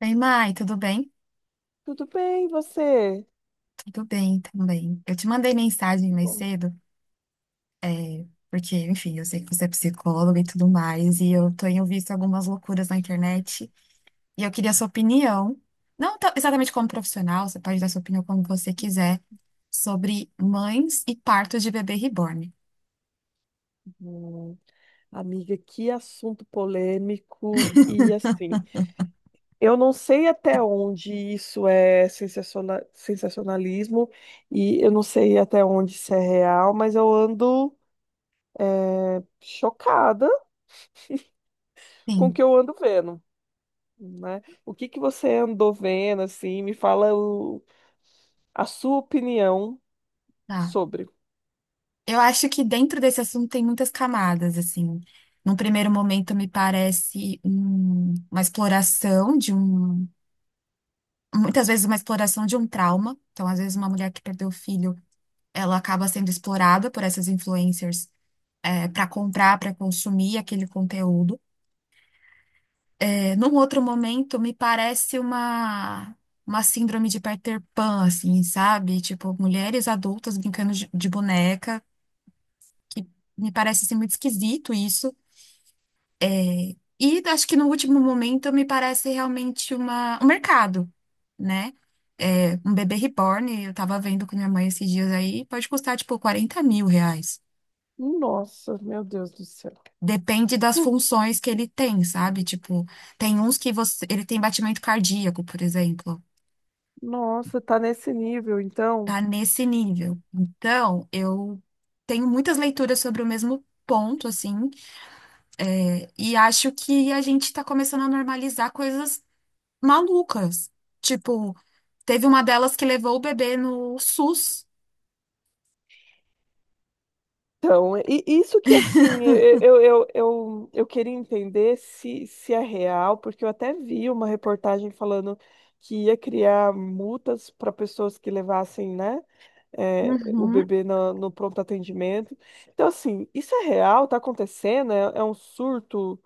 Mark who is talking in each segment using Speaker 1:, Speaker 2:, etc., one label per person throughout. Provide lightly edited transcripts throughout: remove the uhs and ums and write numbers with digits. Speaker 1: Ei, Mai, tudo bem?
Speaker 2: Tudo bem, e você?
Speaker 1: Tudo bem também. Eu te mandei mensagem mais
Speaker 2: Bom.
Speaker 1: cedo, porque, enfim, eu sei que você é psicóloga e tudo mais, e eu tenho visto algumas loucuras na internet, e eu queria a sua opinião, não tão- exatamente como profissional, você pode dar sua opinião como você quiser, sobre mães e partos de bebê reborn.
Speaker 2: Hum, Amiga, que assunto polêmico. E assim, eu não sei até onde isso é sensacionalismo e eu não sei até onde isso é real, mas eu ando chocada com o
Speaker 1: Sim,
Speaker 2: que eu ando vendo, né? O que que você andou vendo, assim? Me fala a sua opinião
Speaker 1: tá.
Speaker 2: sobre.
Speaker 1: Eu acho que dentro desse assunto tem muitas camadas, assim. Num primeiro momento, uma exploração muitas vezes uma exploração de um trauma. Então, às vezes, uma mulher que perdeu o filho, ela acaba sendo explorada por essas influencers para comprar, para consumir aquele conteúdo. Num outro momento, uma síndrome de Peter Pan, assim, sabe? Tipo, mulheres adultas brincando de boneca, que me parece assim, muito esquisito isso. E acho que no último momento me parece realmente uma, um mercado, né? É, um bebê reborn, eu tava vendo com minha mãe esses dias aí, pode custar tipo 40 mil reais.
Speaker 2: Nossa, meu Deus do céu.
Speaker 1: Depende das funções que ele tem, sabe? Tipo, tem uns que você, ele tem batimento cardíaco, por exemplo.
Speaker 2: Nossa, tá nesse nível, então.
Speaker 1: Tá nesse nível. Então, eu tenho muitas leituras sobre o mesmo ponto, assim, e acho que a gente tá começando a normalizar coisas malucas. Tipo, teve uma delas que levou o bebê no SUS.
Speaker 2: Então, e isso que assim, eu queria entender se, se é real, porque eu até vi uma reportagem falando que ia criar multas para pessoas que levassem, né, o
Speaker 1: Uhum.
Speaker 2: bebê no, no pronto atendimento. Então, assim, isso é real? Tá acontecendo? É, é um surto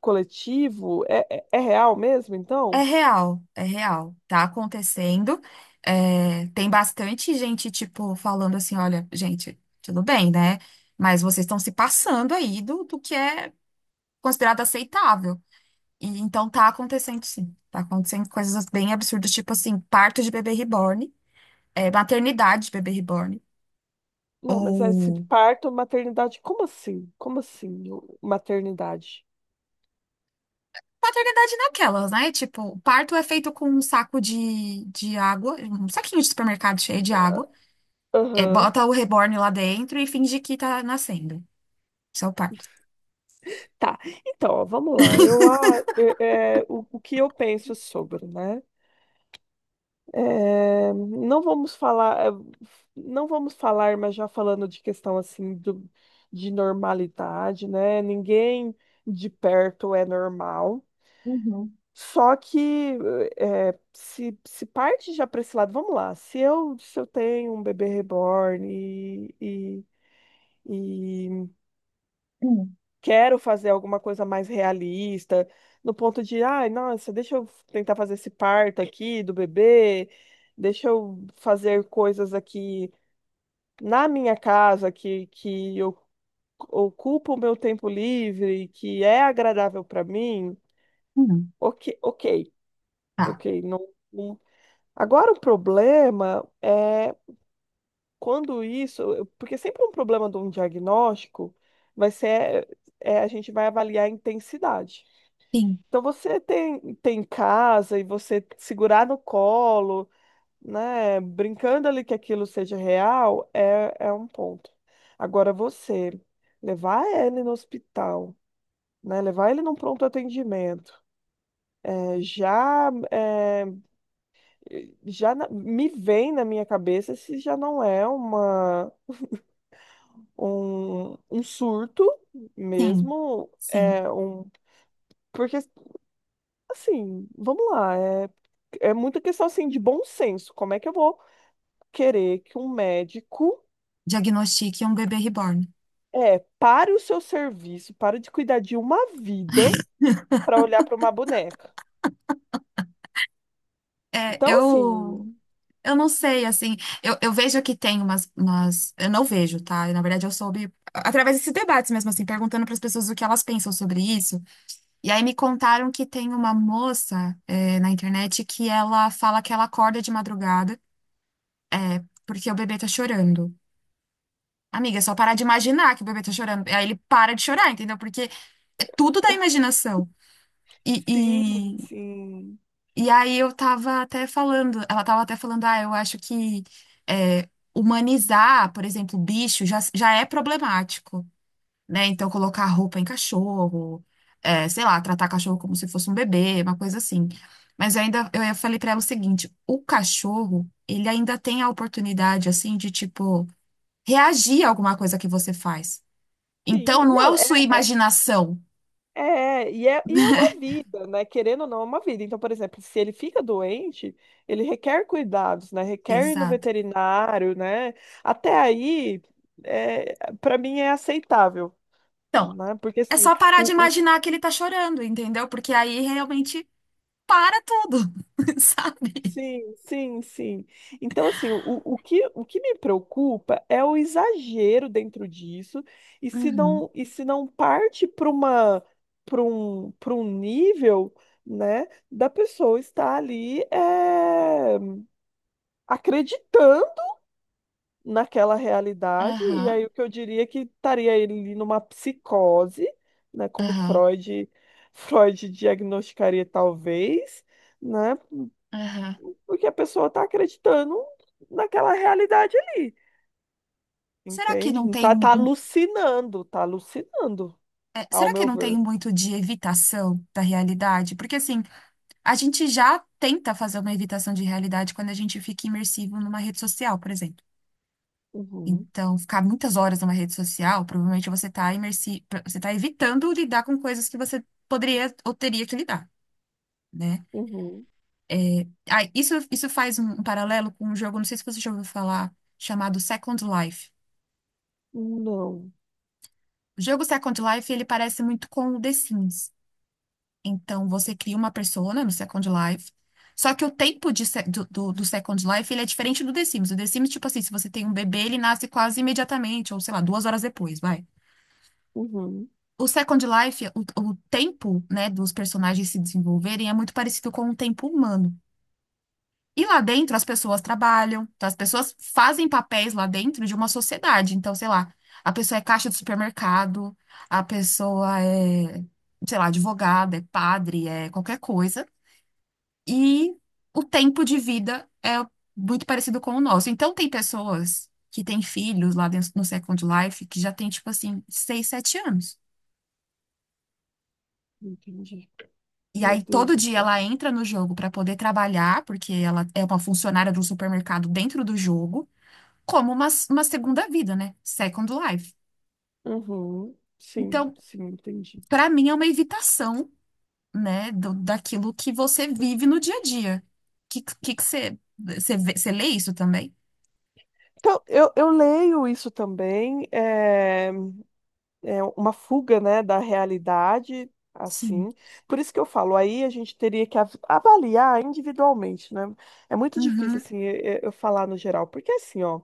Speaker 2: coletivo? É real mesmo,
Speaker 1: É
Speaker 2: então?
Speaker 1: real, é real. Tá acontecendo. É, tem bastante gente, tipo, falando assim: olha, gente, tudo bem, né? Mas vocês estão se passando aí do que é considerado aceitável. E então tá acontecendo, sim. Tá acontecendo coisas bem absurdas, tipo assim, parto de bebê reborn, é, maternidade de bebê reborn.
Speaker 2: Não, mas é esse
Speaker 1: Ou
Speaker 2: parto, maternidade, como assim? Como assim, maternidade?
Speaker 1: maternidade naquelas, né? Tipo, o parto é feito com um saco de água, um saquinho de supermercado cheio de água. É,
Speaker 2: Aham.
Speaker 1: bota o reborn lá dentro e finge que tá nascendo. Isso é o parto.
Speaker 2: Tá, então, ó, vamos lá. Eu, ah, é, é, o que eu penso sobre, né? Não vamos falar, não vamos falar, mas já falando de questão assim do, de normalidade, né? Ninguém de perto é normal. Só que é, se parte já para esse lado, vamos lá. Se eu tenho um bebê reborn e
Speaker 1: Hum.
Speaker 2: quero fazer alguma coisa mais realista, no ponto de, ai, nossa, deixa eu tentar fazer esse parto aqui do bebê, deixa eu fazer coisas aqui na minha casa que eu ocupo o meu tempo livre, que é agradável para mim.
Speaker 1: Hum.
Speaker 2: Ok, ok,
Speaker 1: Tá.
Speaker 2: ok. Não, não- Agora o problema é quando isso, porque é sempre um problema de um diagnóstico vai ser, a gente vai avaliar a intensidade.
Speaker 1: Sim,
Speaker 2: Então você tem, tem em casa e você segurar no colo, né? Brincando ali que aquilo seja real, é, é um ponto. Agora você levar ele no hospital, né? Levar ele num pronto atendimento, é, já é, me vem na minha cabeça se já não é uma um, um surto
Speaker 1: sim,
Speaker 2: mesmo,
Speaker 1: sim.
Speaker 2: é um porque assim, vamos lá. É muita questão assim de bom senso. Como é que eu vou querer que um médico
Speaker 1: Diagnostique um bebê reborn.
Speaker 2: pare o seu serviço, pare de cuidar de uma vida para olhar para uma boneca?
Speaker 1: É,
Speaker 2: Então, assim,
Speaker 1: eu, eu não sei, assim, eu vejo que tem umas. Eu não vejo, tá? Na verdade, eu soube através desses debates mesmo, assim, perguntando para as pessoas o que elas pensam sobre isso. E aí me contaram que tem uma moça, na internet que ela fala que ela acorda de madrugada porque o bebê tá chorando. Amiga, é só parar de imaginar que o bebê tá chorando. Aí ele para de chorar, entendeu? Porque é tudo da imaginação. E,
Speaker 2: sim,
Speaker 1: e,
Speaker 2: sim.
Speaker 1: e aí eu tava até falando, ela tava até falando, ah, eu acho que eh, humanizar, por exemplo, bicho já é problemático. Né? Então, colocar roupa em cachorro, é, sei lá, tratar cachorro como se fosse um bebê, uma coisa assim. Mas eu ainda, eu falei pra ela o seguinte, o cachorro, ele ainda tem a oportunidade, assim, de, tipo, reagir a alguma coisa que você faz. Então,
Speaker 2: Sim,
Speaker 1: não é
Speaker 2: não,
Speaker 1: o sua
Speaker 2: é, é,
Speaker 1: imaginação.
Speaker 2: é, e é, E é uma vida, né? Querendo ou não, é uma vida. Então, por exemplo, se ele fica doente, ele requer cuidados, né? Requer ir no
Speaker 1: Exato.
Speaker 2: veterinário, né? Até aí, para mim é aceitável,
Speaker 1: Então,
Speaker 2: né? Porque
Speaker 1: é
Speaker 2: assim,
Speaker 1: só parar de
Speaker 2: o,
Speaker 1: imaginar que ele tá chorando, entendeu? Porque aí realmente para tudo, sabe?
Speaker 2: Sim, sim, sim. Então, assim, o que me preocupa é o exagero dentro disso,
Speaker 1: Uhum.
Speaker 2: e se não parte para um nível, né, da pessoa estar ali acreditando naquela realidade, e
Speaker 1: Aham,
Speaker 2: aí o que eu diria é que estaria ele ali numa psicose, né, como
Speaker 1: aham,
Speaker 2: Freud, Freud diagnosticaria talvez, né?
Speaker 1: aham.
Speaker 2: Porque a pessoa tá acreditando naquela realidade ali,
Speaker 1: Será que não
Speaker 2: entende?
Speaker 1: tem
Speaker 2: Tá,
Speaker 1: um
Speaker 2: tá alucinando,
Speaker 1: É,
Speaker 2: ao
Speaker 1: será que
Speaker 2: meu
Speaker 1: não tem
Speaker 2: ver.
Speaker 1: muito de evitação da realidade? Porque, assim, a gente já tenta fazer uma evitação de realidade quando a gente fica imersivo numa rede social, por exemplo.
Speaker 2: Uhum,
Speaker 1: Então, ficar muitas horas numa rede social, provavelmente você está imersi... você está evitando lidar com coisas que você poderia ou teria que lidar, né?
Speaker 2: uhum,
Speaker 1: É, ah, isso faz um paralelo com um jogo, não sei se você já ouviu falar, chamado Second Life.
Speaker 2: não,
Speaker 1: O jogo Second Life, ele parece muito com o The Sims. Então, você cria uma persona no Second Life. Só que o tempo de se- do Second Life, ele é diferente do The Sims. O The Sims, tipo assim, se você tem um bebê, ele nasce quase imediatamente, ou sei lá, duas horas depois, vai.
Speaker 2: uhum,
Speaker 1: O Second Life, o tempo, né, dos personagens se desenvolverem é muito parecido com o tempo humano. E lá dentro as pessoas trabalham, então as pessoas fazem papéis lá dentro de uma sociedade. Então, sei lá, a pessoa é caixa de supermercado, a pessoa é, sei lá, advogada, é padre, é qualquer coisa. E o tempo de vida é muito parecido com o nosso. Então, tem pessoas que têm filhos lá dentro no Second Life que já tem, tipo assim, seis sete anos.
Speaker 2: entendi.
Speaker 1: E
Speaker 2: Meu
Speaker 1: aí,
Speaker 2: Deus
Speaker 1: todo
Speaker 2: do
Speaker 1: dia
Speaker 2: céu.
Speaker 1: ela entra no jogo para poder trabalhar, porque ela é uma funcionária do supermercado dentro do jogo, como uma segunda vida, né? Second Life.
Speaker 2: Uhum, sim,
Speaker 1: Então,
Speaker 2: sim, entendi.
Speaker 1: para mim, é uma evitação, né, daquilo que você vive no dia a dia. Que você você vê- você lê isso também?
Speaker 2: Então, eu leio isso também, uma fuga, né, da realidade,
Speaker 1: Sim.
Speaker 2: assim. Por isso que eu falo, aí a gente teria que avaliar individualmente, né? É muito difícil, assim, eu falar no geral, porque assim, ó,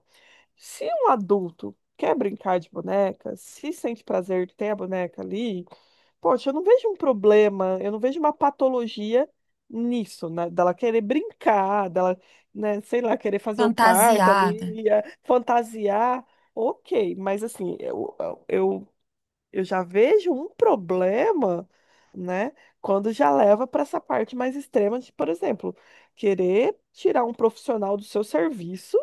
Speaker 2: se um adulto quer brincar de boneca, se sente prazer de ter a boneca ali, poxa, eu não vejo um problema, eu não vejo uma patologia nisso, né? Dela querer brincar, dela, né, sei lá, querer fazer o parto
Speaker 1: Fantasiada,
Speaker 2: ali, fantasiar. Ok, mas assim, eu eu já vejo um problema, né, quando já leva para essa parte mais extrema de, por exemplo, querer tirar um profissional do seu serviço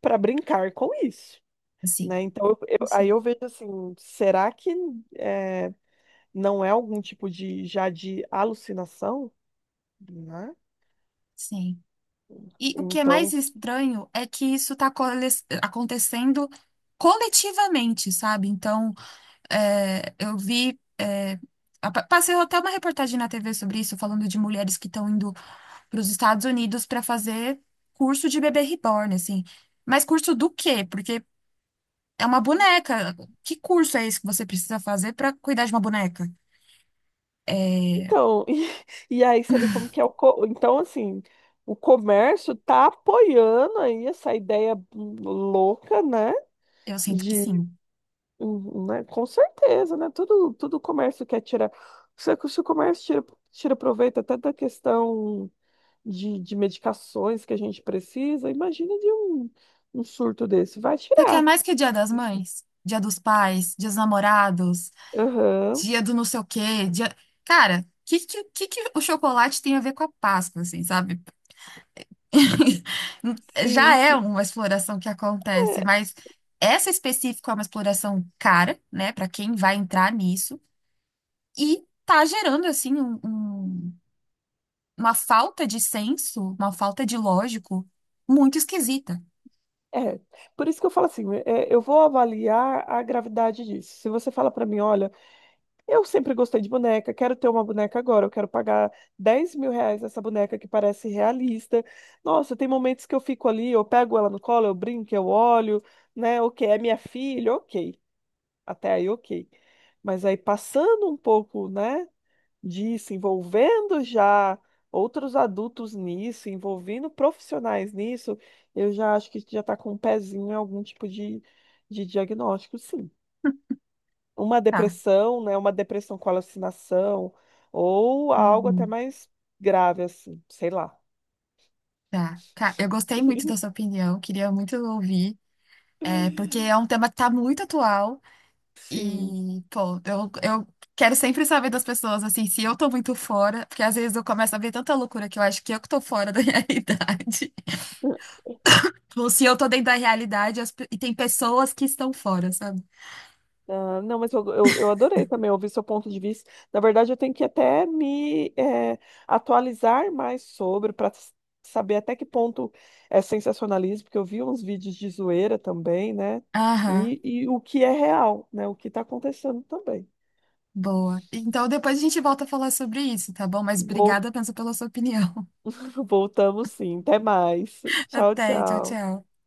Speaker 2: para brincar com isso,
Speaker 1: assim,
Speaker 2: né? Então, aí
Speaker 1: assim,
Speaker 2: eu vejo assim, será que é, não é algum tipo de já de alucinação, né?
Speaker 1: sim. E o que é mais
Speaker 2: Então,
Speaker 1: estranho é que isso está acontecendo coletivamente, sabe? Então, é, eu vi. é, passei até uma reportagem na TV sobre isso, falando de mulheres que estão indo para os Estados Unidos para fazer curso de bebê reborn, assim. Mas curso do quê? Porque é uma boneca. Que curso é esse que você precisa fazer para cuidar de uma boneca? É,
Speaker 2: então, e aí você vê como que é então assim, o comércio tá apoiando aí essa ideia louca, né?
Speaker 1: eu sinto que sim.
Speaker 2: Uhum, né? Com certeza, né? Tudo comércio quer tirar. Se o comércio tira, tira proveito até da questão de medicações que a gente precisa, imagina de um surto desse. Vai
Speaker 1: Você quer
Speaker 2: tirar.
Speaker 1: mais que Dia das
Speaker 2: Uhum.
Speaker 1: Mães? Dia dos Pais, Dia dos Namorados,
Speaker 2: Aham,
Speaker 1: Dia do não sei o quê, dia... Cara, o que, que o chocolate tem a ver com a Páscoa, assim, sabe? Já
Speaker 2: sim,
Speaker 1: é
Speaker 2: sim.
Speaker 1: uma exploração que acontece, mas essa específica é uma exploração cara, né, para quem vai entrar nisso, e tá gerando, assim, uma falta de senso, uma falta de lógico muito esquisita.
Speaker 2: É, é. Por isso que eu falo assim, é, eu vou avaliar a gravidade disso. Se você fala para mim, olha. Eu sempre gostei de boneca, quero ter uma boneca agora, eu quero pagar 10 mil reais nessa boneca que parece realista. Nossa, tem momentos que eu fico ali, eu pego ela no colo, eu brinco, eu olho, né? Ok, é minha filha, ok. Até aí, ok. Mas aí passando um pouco, né, disso, envolvendo já outros adultos nisso, envolvendo profissionais nisso, eu já acho que já está com um pezinho em algum tipo de diagnóstico, sim, uma
Speaker 1: Tá.
Speaker 2: depressão, né? Uma depressão com alucinação, ou algo até
Speaker 1: Uhum.
Speaker 2: mais grave, assim, sei lá.
Speaker 1: Tá. Eu gostei muito da sua opinião, queria muito ouvir. É, porque é um tema que tá muito atual
Speaker 2: Sim.
Speaker 1: eu quero sempre saber das pessoas, assim, se eu tô muito fora, porque às vezes eu começo a ver tanta loucura que eu acho que eu que tô fora da realidade. Ou se eu tô dentro da realidade e tem pessoas que estão fora, sabe?
Speaker 2: Ah, não, mas eu adorei também ouvir seu ponto de vista. Na verdade, eu tenho que até me atualizar mais sobre para saber até que ponto é sensacionalismo, porque eu vi uns vídeos de zoeira também, né?
Speaker 1: Aham,
Speaker 2: E o que é real, né? O que está acontecendo também.
Speaker 1: boa. Então depois a gente volta a falar sobre isso, tá bom? Mas
Speaker 2: Vou
Speaker 1: obrigada, pensa pela sua opinião.
Speaker 2: Voltamos, sim. Até mais. Tchau,
Speaker 1: Até, tchau,
Speaker 2: tchau.
Speaker 1: tchau.